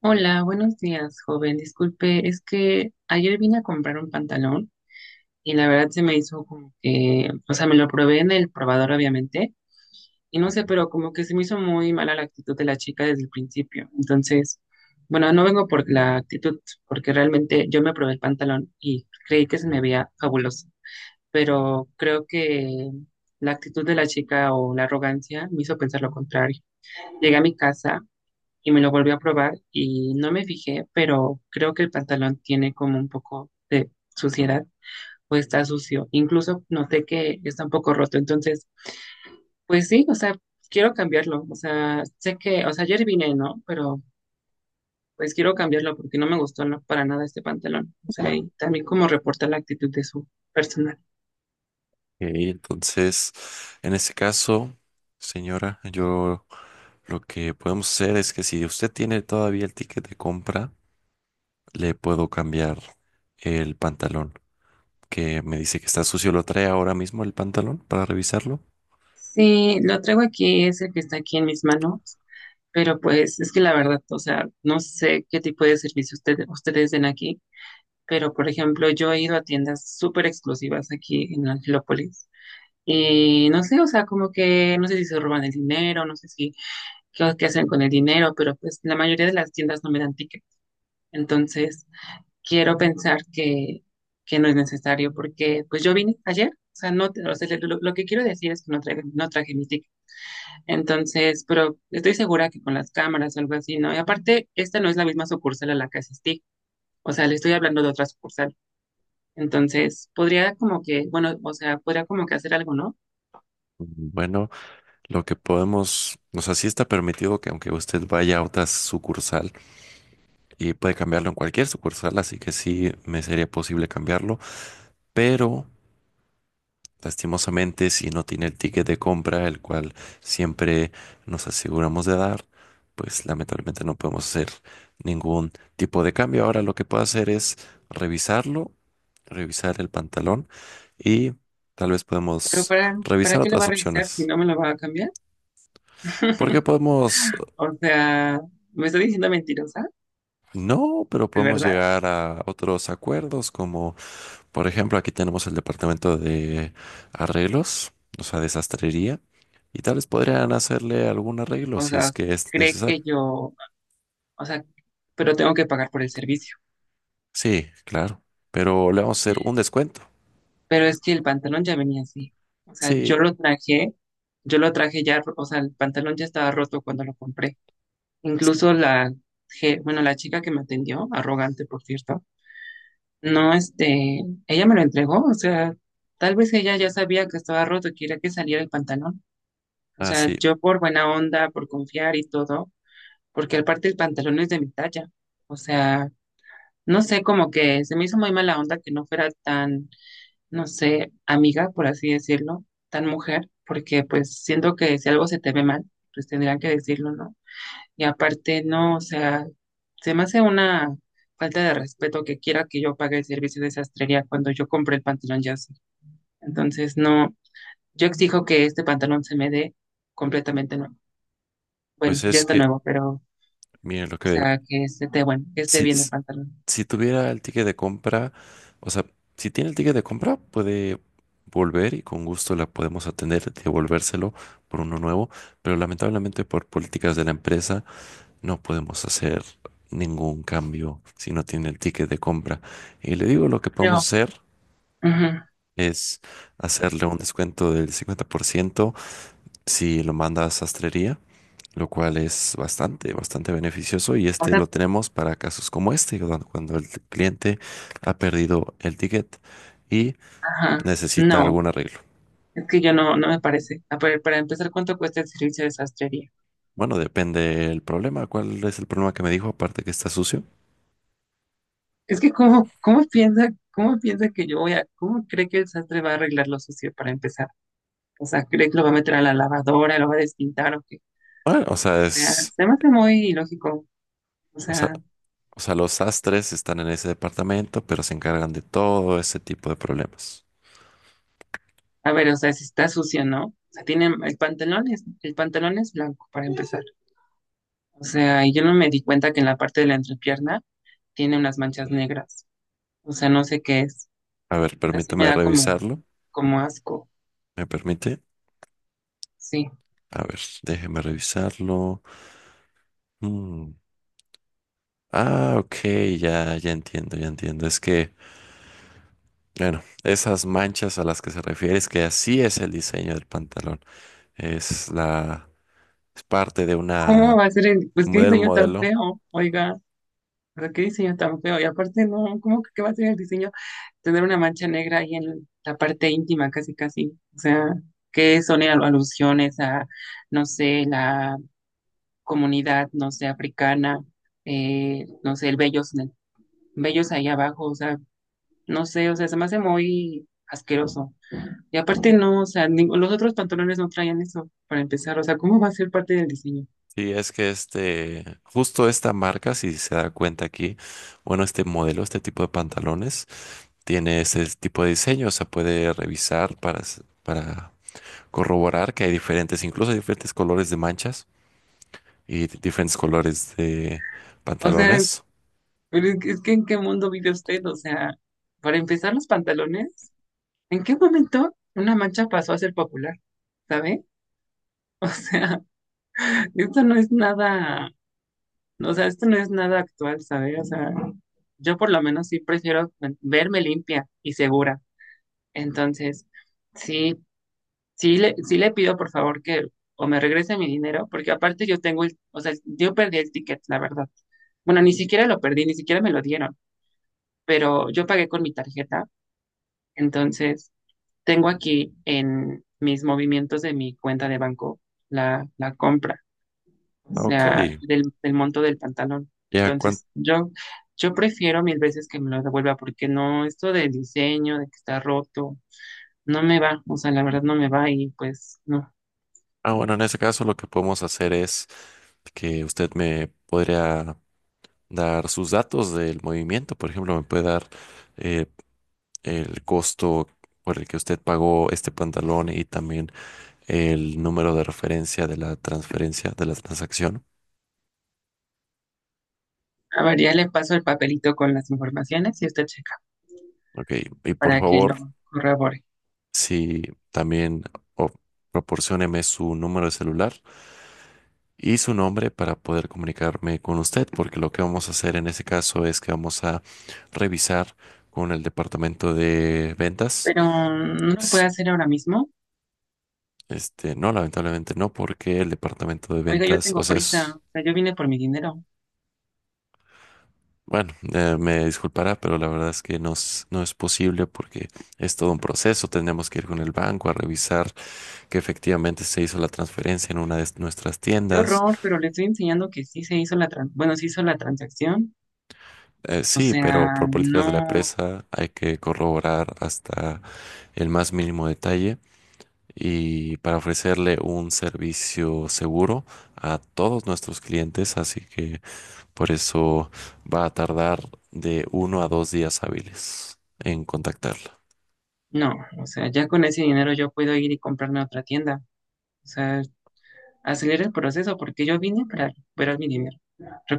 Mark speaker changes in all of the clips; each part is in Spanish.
Speaker 1: Hola, buenos días, joven. Disculpe, es que ayer vine a comprar un pantalón y la verdad se me hizo como que, o sea, me lo probé en el probador, obviamente, y no sé,
Speaker 2: Ok,
Speaker 1: pero como que se me hizo muy mala la actitud de la chica desde el principio. Entonces, bueno, no vengo por la actitud, porque realmente yo me probé el pantalón y creí que se me veía fabuloso, pero creo que la actitud de la chica o la arrogancia me hizo pensar lo contrario. Llegué a mi casa y me lo volví a probar y no me fijé, pero creo que el pantalón tiene como un poco de suciedad o está sucio. Incluso noté que está un poco roto. Entonces, pues sí, o sea, quiero cambiarlo. O sea, sé que, o sea, ayer vine, ¿no? Pero pues quiero cambiarlo porque no me gustó no, para nada este pantalón. O sea, y también como reporta la actitud de su personal.
Speaker 2: entonces, en ese caso, señora, yo lo que podemos hacer es que si usted tiene todavía el ticket de compra, le puedo cambiar el pantalón, que me dice que está sucio. ¿Lo trae ahora mismo el pantalón para revisarlo?
Speaker 1: Sí, lo traigo aquí, es el que está aquí en mis manos. Pero pues es que la verdad, o sea, no sé qué tipo de servicio ustedes den aquí, pero por ejemplo, yo he ido a tiendas súper exclusivas aquí en Angelópolis. Y no sé, o sea, como que no sé si se roban el dinero, no sé si qué hacen con el dinero, pero pues la mayoría de las tiendas no me dan ticket. Entonces, quiero pensar que no es necesario porque pues yo vine ayer, o sea, no, o sea, lo que quiero decir es que no traje mi ticket. Entonces, pero estoy segura que con las cámaras o algo así, ¿no? Y aparte, esta no es la misma sucursal a la que asistí, o sea, le estoy hablando de otras sucursales. Entonces, podría como que, bueno, o sea, podría como que hacer algo, ¿no?
Speaker 2: Bueno, lo que podemos, o sea, sí está permitido que aunque usted vaya a otra sucursal y puede cambiarlo en cualquier sucursal, así que sí me sería posible cambiarlo, pero lastimosamente, si no tiene el ticket de compra, el cual siempre nos aseguramos de dar, pues lamentablemente no podemos hacer ningún tipo de cambio. Ahora lo que puedo hacer es revisarlo, revisar el pantalón y tal vez
Speaker 1: Pero
Speaker 2: podemos
Speaker 1: ¿para
Speaker 2: revisar
Speaker 1: qué lo va
Speaker 2: otras
Speaker 1: a revisar si
Speaker 2: opciones.
Speaker 1: no me lo va a cambiar?
Speaker 2: Porque podemos...
Speaker 1: O sea, ¿me está diciendo mentirosa?
Speaker 2: No, pero
Speaker 1: ¿De
Speaker 2: podemos
Speaker 1: verdad?
Speaker 2: llegar a otros acuerdos como, por ejemplo, aquí tenemos el departamento de arreglos, o sea, de sastrería, y tal vez podrían hacerle algún arreglo
Speaker 1: O
Speaker 2: si es
Speaker 1: sea,
Speaker 2: que es
Speaker 1: cree que
Speaker 2: necesario.
Speaker 1: yo, o sea, pero tengo que pagar por el servicio.
Speaker 2: Sí, claro, pero le vamos a hacer un descuento.
Speaker 1: Pero es que el pantalón ya venía así. O sea,
Speaker 2: Sí,
Speaker 1: yo lo traje ya, o sea, el pantalón ya estaba roto cuando lo compré. Incluso bueno, la chica que me atendió, arrogante, por cierto. No, este, ella me lo entregó, o sea, tal vez ella ya sabía que estaba roto, quería que saliera el pantalón. O
Speaker 2: ah,
Speaker 1: sea,
Speaker 2: sí,
Speaker 1: yo por buena onda, por confiar y todo, porque aparte el pantalón es de mi talla. O sea, no sé, como que se me hizo muy mala onda que no fuera tan, no sé, amiga, por así decirlo, tan mujer, porque pues siento que si algo se te ve mal, pues tendrían que decirlo, ¿no? Y aparte, no, o sea, se me hace una falta de respeto que quiera que yo pague el servicio de sastrería cuando yo compré el pantalón ya así. Entonces, no, yo exijo que este pantalón se me dé completamente nuevo. Bueno,
Speaker 2: pues
Speaker 1: ya
Speaker 2: es
Speaker 1: está
Speaker 2: que,
Speaker 1: nuevo, pero,
Speaker 2: miren,
Speaker 1: o sea, que esté bueno, que esté
Speaker 2: si,
Speaker 1: bien el pantalón.
Speaker 2: si tuviera el ticket de compra, o sea, si tiene el ticket de compra, puede volver y con gusto la podemos atender, devolvérselo por uno nuevo, pero lamentablemente por políticas de la empresa. No podemos hacer ningún cambio si no tiene el ticket de compra. Y le digo, lo que podemos
Speaker 1: Pero,
Speaker 2: hacer
Speaker 1: ujú,
Speaker 2: es hacerle un descuento del 50% si lo manda a sastrería, lo cual es bastante, bastante beneficioso y
Speaker 1: o
Speaker 2: este
Speaker 1: sea,
Speaker 2: lo tenemos para casos como este, cuando el cliente ha perdido el ticket y
Speaker 1: ajá,
Speaker 2: necesita
Speaker 1: no,
Speaker 2: algún arreglo.
Speaker 1: es que yo no me parece. A ver, para empezar, ¿cuánto cuesta el servicio de sastrería?
Speaker 2: Bueno, depende el problema. ¿Cuál es el problema que me dijo? Aparte que está sucio.
Speaker 1: Es que, ¿cómo piensa, cómo piensa que yo voy a, cómo cree que el sastre va a arreglar lo sucio para empezar? O sea, cree que lo va a meter a la lavadora, lo va a despintar o qué.
Speaker 2: Bueno, o sea,
Speaker 1: O sea,
Speaker 2: es...
Speaker 1: se me hace muy ilógico. O
Speaker 2: O sea,
Speaker 1: sea,
Speaker 2: O sea, los sastres están en ese departamento, pero se encargan de todo ese tipo de problemas.
Speaker 1: a ver, o sea, si está sucio, ¿no? O sea, tiene el pantalón es blanco para empezar. O sea, y yo no me di cuenta que en la parte de la entrepierna tiene unas manchas negras. O sea, no sé qué es.
Speaker 2: A ver,
Speaker 1: O sea, sí me
Speaker 2: permítame
Speaker 1: da
Speaker 2: revisarlo.
Speaker 1: como asco.
Speaker 2: ¿Me permite?
Speaker 1: Sí.
Speaker 2: A ver, déjeme revisarlo. Mm. Ah, ok, ya, ya entiendo, ya entiendo. Es que, bueno, esas manchas a las que se refiere es que así es el diseño del pantalón. Es la, es parte de
Speaker 1: ¿Cómo
Speaker 2: una,
Speaker 1: va a ser el, pues qué
Speaker 2: del
Speaker 1: diseño tan
Speaker 2: modelo.
Speaker 1: feo? Oiga, o sea, qué diseño tan feo. Y aparte, no, ¿cómo que qué va a ser el diseño tener una mancha negra ahí en la parte íntima, casi, casi. O sea, que son alusiones a, no sé, la comunidad, no sé, africana, no sé, el vellos ahí abajo, o sea, no sé, o sea, se me hace muy asqueroso. Y aparte no, o sea, los otros pantalones no traían eso, para empezar, o sea, ¿cómo va a ser parte del diseño?
Speaker 2: Sí, es que este, justo esta marca, si se da cuenta aquí, bueno, este modelo, este tipo de pantalones. Tiene ese tipo de diseño, se puede revisar para, para corroborar que hay diferentes, incluso hay diferentes colores de manchas y diferentes colores de
Speaker 1: O sea,
Speaker 2: pantalones.
Speaker 1: pero es es que ¿en qué mundo vive usted? O sea, para empezar los pantalones, ¿en qué momento una mancha pasó a ser popular? ¿Sabe? Esto no es nada, o sea, esto no es nada actual, ¿sabes? O sea, yo por lo menos sí prefiero verme limpia y segura. Entonces, sí, sí le pido por favor que o me regrese mi dinero, porque aparte yo tengo el, o sea, yo perdí el ticket, la verdad. Bueno, ni siquiera lo perdí, ni siquiera me lo dieron, pero yo pagué con mi tarjeta. Entonces, tengo aquí en mis movimientos de mi cuenta de banco la compra. O
Speaker 2: Ah, ok,
Speaker 1: sea, del monto del pantalón.
Speaker 2: ya
Speaker 1: Entonces, yo prefiero mil veces que me lo devuelva porque no, esto del diseño, de que está roto, no me va, o sea, la verdad no me va y pues no.
Speaker 2: Ah, bueno, en ese caso lo que podemos hacer es que usted me podría dar sus datos del movimiento, por ejemplo, me puede dar eh, el costo por el que usted pagó este pantalón y también el número de referencia de la transferencia, de la transacción.
Speaker 1: A ver, ya le paso el papelito con las informaciones y usted checa
Speaker 2: Ok, y por
Speaker 1: para que
Speaker 2: favor,
Speaker 1: lo corrobore.
Speaker 2: si también o, proporcióneme su número de celular y su nombre para poder comunicarme con usted, porque lo que vamos a hacer en ese caso es que vamos a revisar con el departamento de ventas.
Speaker 1: Pero no lo puede
Speaker 2: Ps-
Speaker 1: hacer ahora mismo.
Speaker 2: Este, no, lamentablemente no, porque el departamento de
Speaker 1: Oiga, yo
Speaker 2: ventas, o
Speaker 1: tengo
Speaker 2: sea,
Speaker 1: prisa,
Speaker 2: es,
Speaker 1: o sea, yo vine por mi dinero.
Speaker 2: bueno, me disculpará, pero la verdad es que no es posible porque es todo un proceso. Tenemos que ir con el banco a revisar que efectivamente se hizo la transferencia en una de nuestras
Speaker 1: Qué
Speaker 2: tiendas.
Speaker 1: horror, pero le estoy enseñando que sí se hizo bueno, se hizo la transacción. O
Speaker 2: Sí, pero
Speaker 1: sea,
Speaker 2: por políticas de la
Speaker 1: no,
Speaker 2: empresa hay que corroborar hasta el más mínimo detalle y para ofrecerle un servicio seguro a todos nuestros clientes, así que por eso va a tardar de 1 a 2 días hábiles en contactarla.
Speaker 1: no, o sea, ya con ese dinero yo puedo ir y comprarme otra tienda. O sea, acelera el proceso porque yo vine para recuperar mi dinero.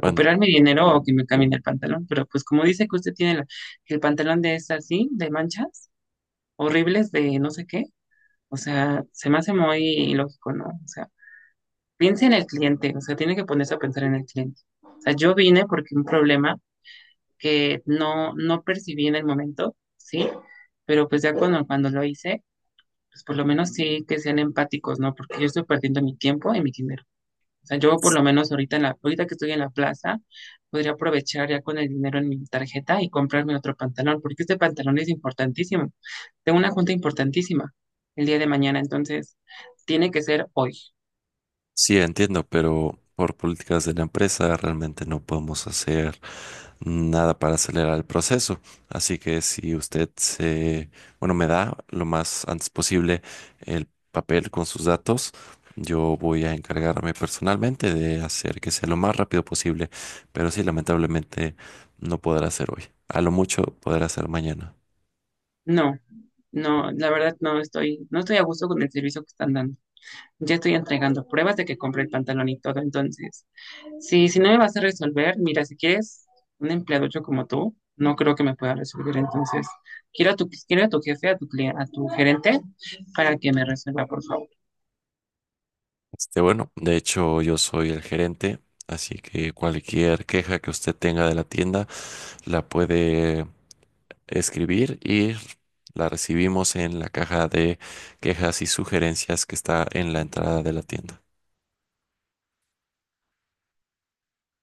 Speaker 2: Bueno,
Speaker 1: mi dinero o que me cambien el pantalón. Pero pues como dice que usted tiene que el pantalón de es así, de manchas horribles, de no sé qué. O sea, se me hace muy ilógico, ¿no? O sea, piense en el cliente. O sea, tiene que ponerse a pensar en el cliente. O sea, yo vine porque un problema que no, no percibí en el momento, ¿sí? Pero pues ya cuando lo hice pues por lo menos sí que sean empáticos, ¿no? Porque yo estoy perdiendo mi tiempo y mi dinero. O sea, yo por lo menos ahorita, ahorita que estoy en la plaza, podría aprovechar ya con el dinero en mi tarjeta y comprarme otro pantalón, porque este pantalón es importantísimo. Tengo una junta importantísima el día de mañana, entonces tiene que ser hoy.
Speaker 2: sí, entiendo, pero por políticas de la empresa realmente no podemos hacer nada para acelerar el proceso. Así que si usted se, bueno, me da lo más antes posible el papel con sus datos, yo voy a encargarme personalmente de hacer que sea lo más rápido posible. Pero sí, lamentablemente no podrá ser hoy. A lo mucho podrá ser mañana.
Speaker 1: No, no, la verdad no estoy a gusto con el servicio que están dando. Ya estoy entregando pruebas de que compré el pantalón y todo, entonces sí, si no me vas a resolver, mira, si quieres un empleado hecho como tú, no creo que me pueda resolver. Entonces, quiero a tu jefe, a tu gerente, para que me resuelva, por favor.
Speaker 2: Este, bueno, de hecho yo soy el gerente, así que cualquier queja que usted tenga de la tienda la puede escribir y la recibimos en la caja de quejas y sugerencias que está en la entrada de la tienda.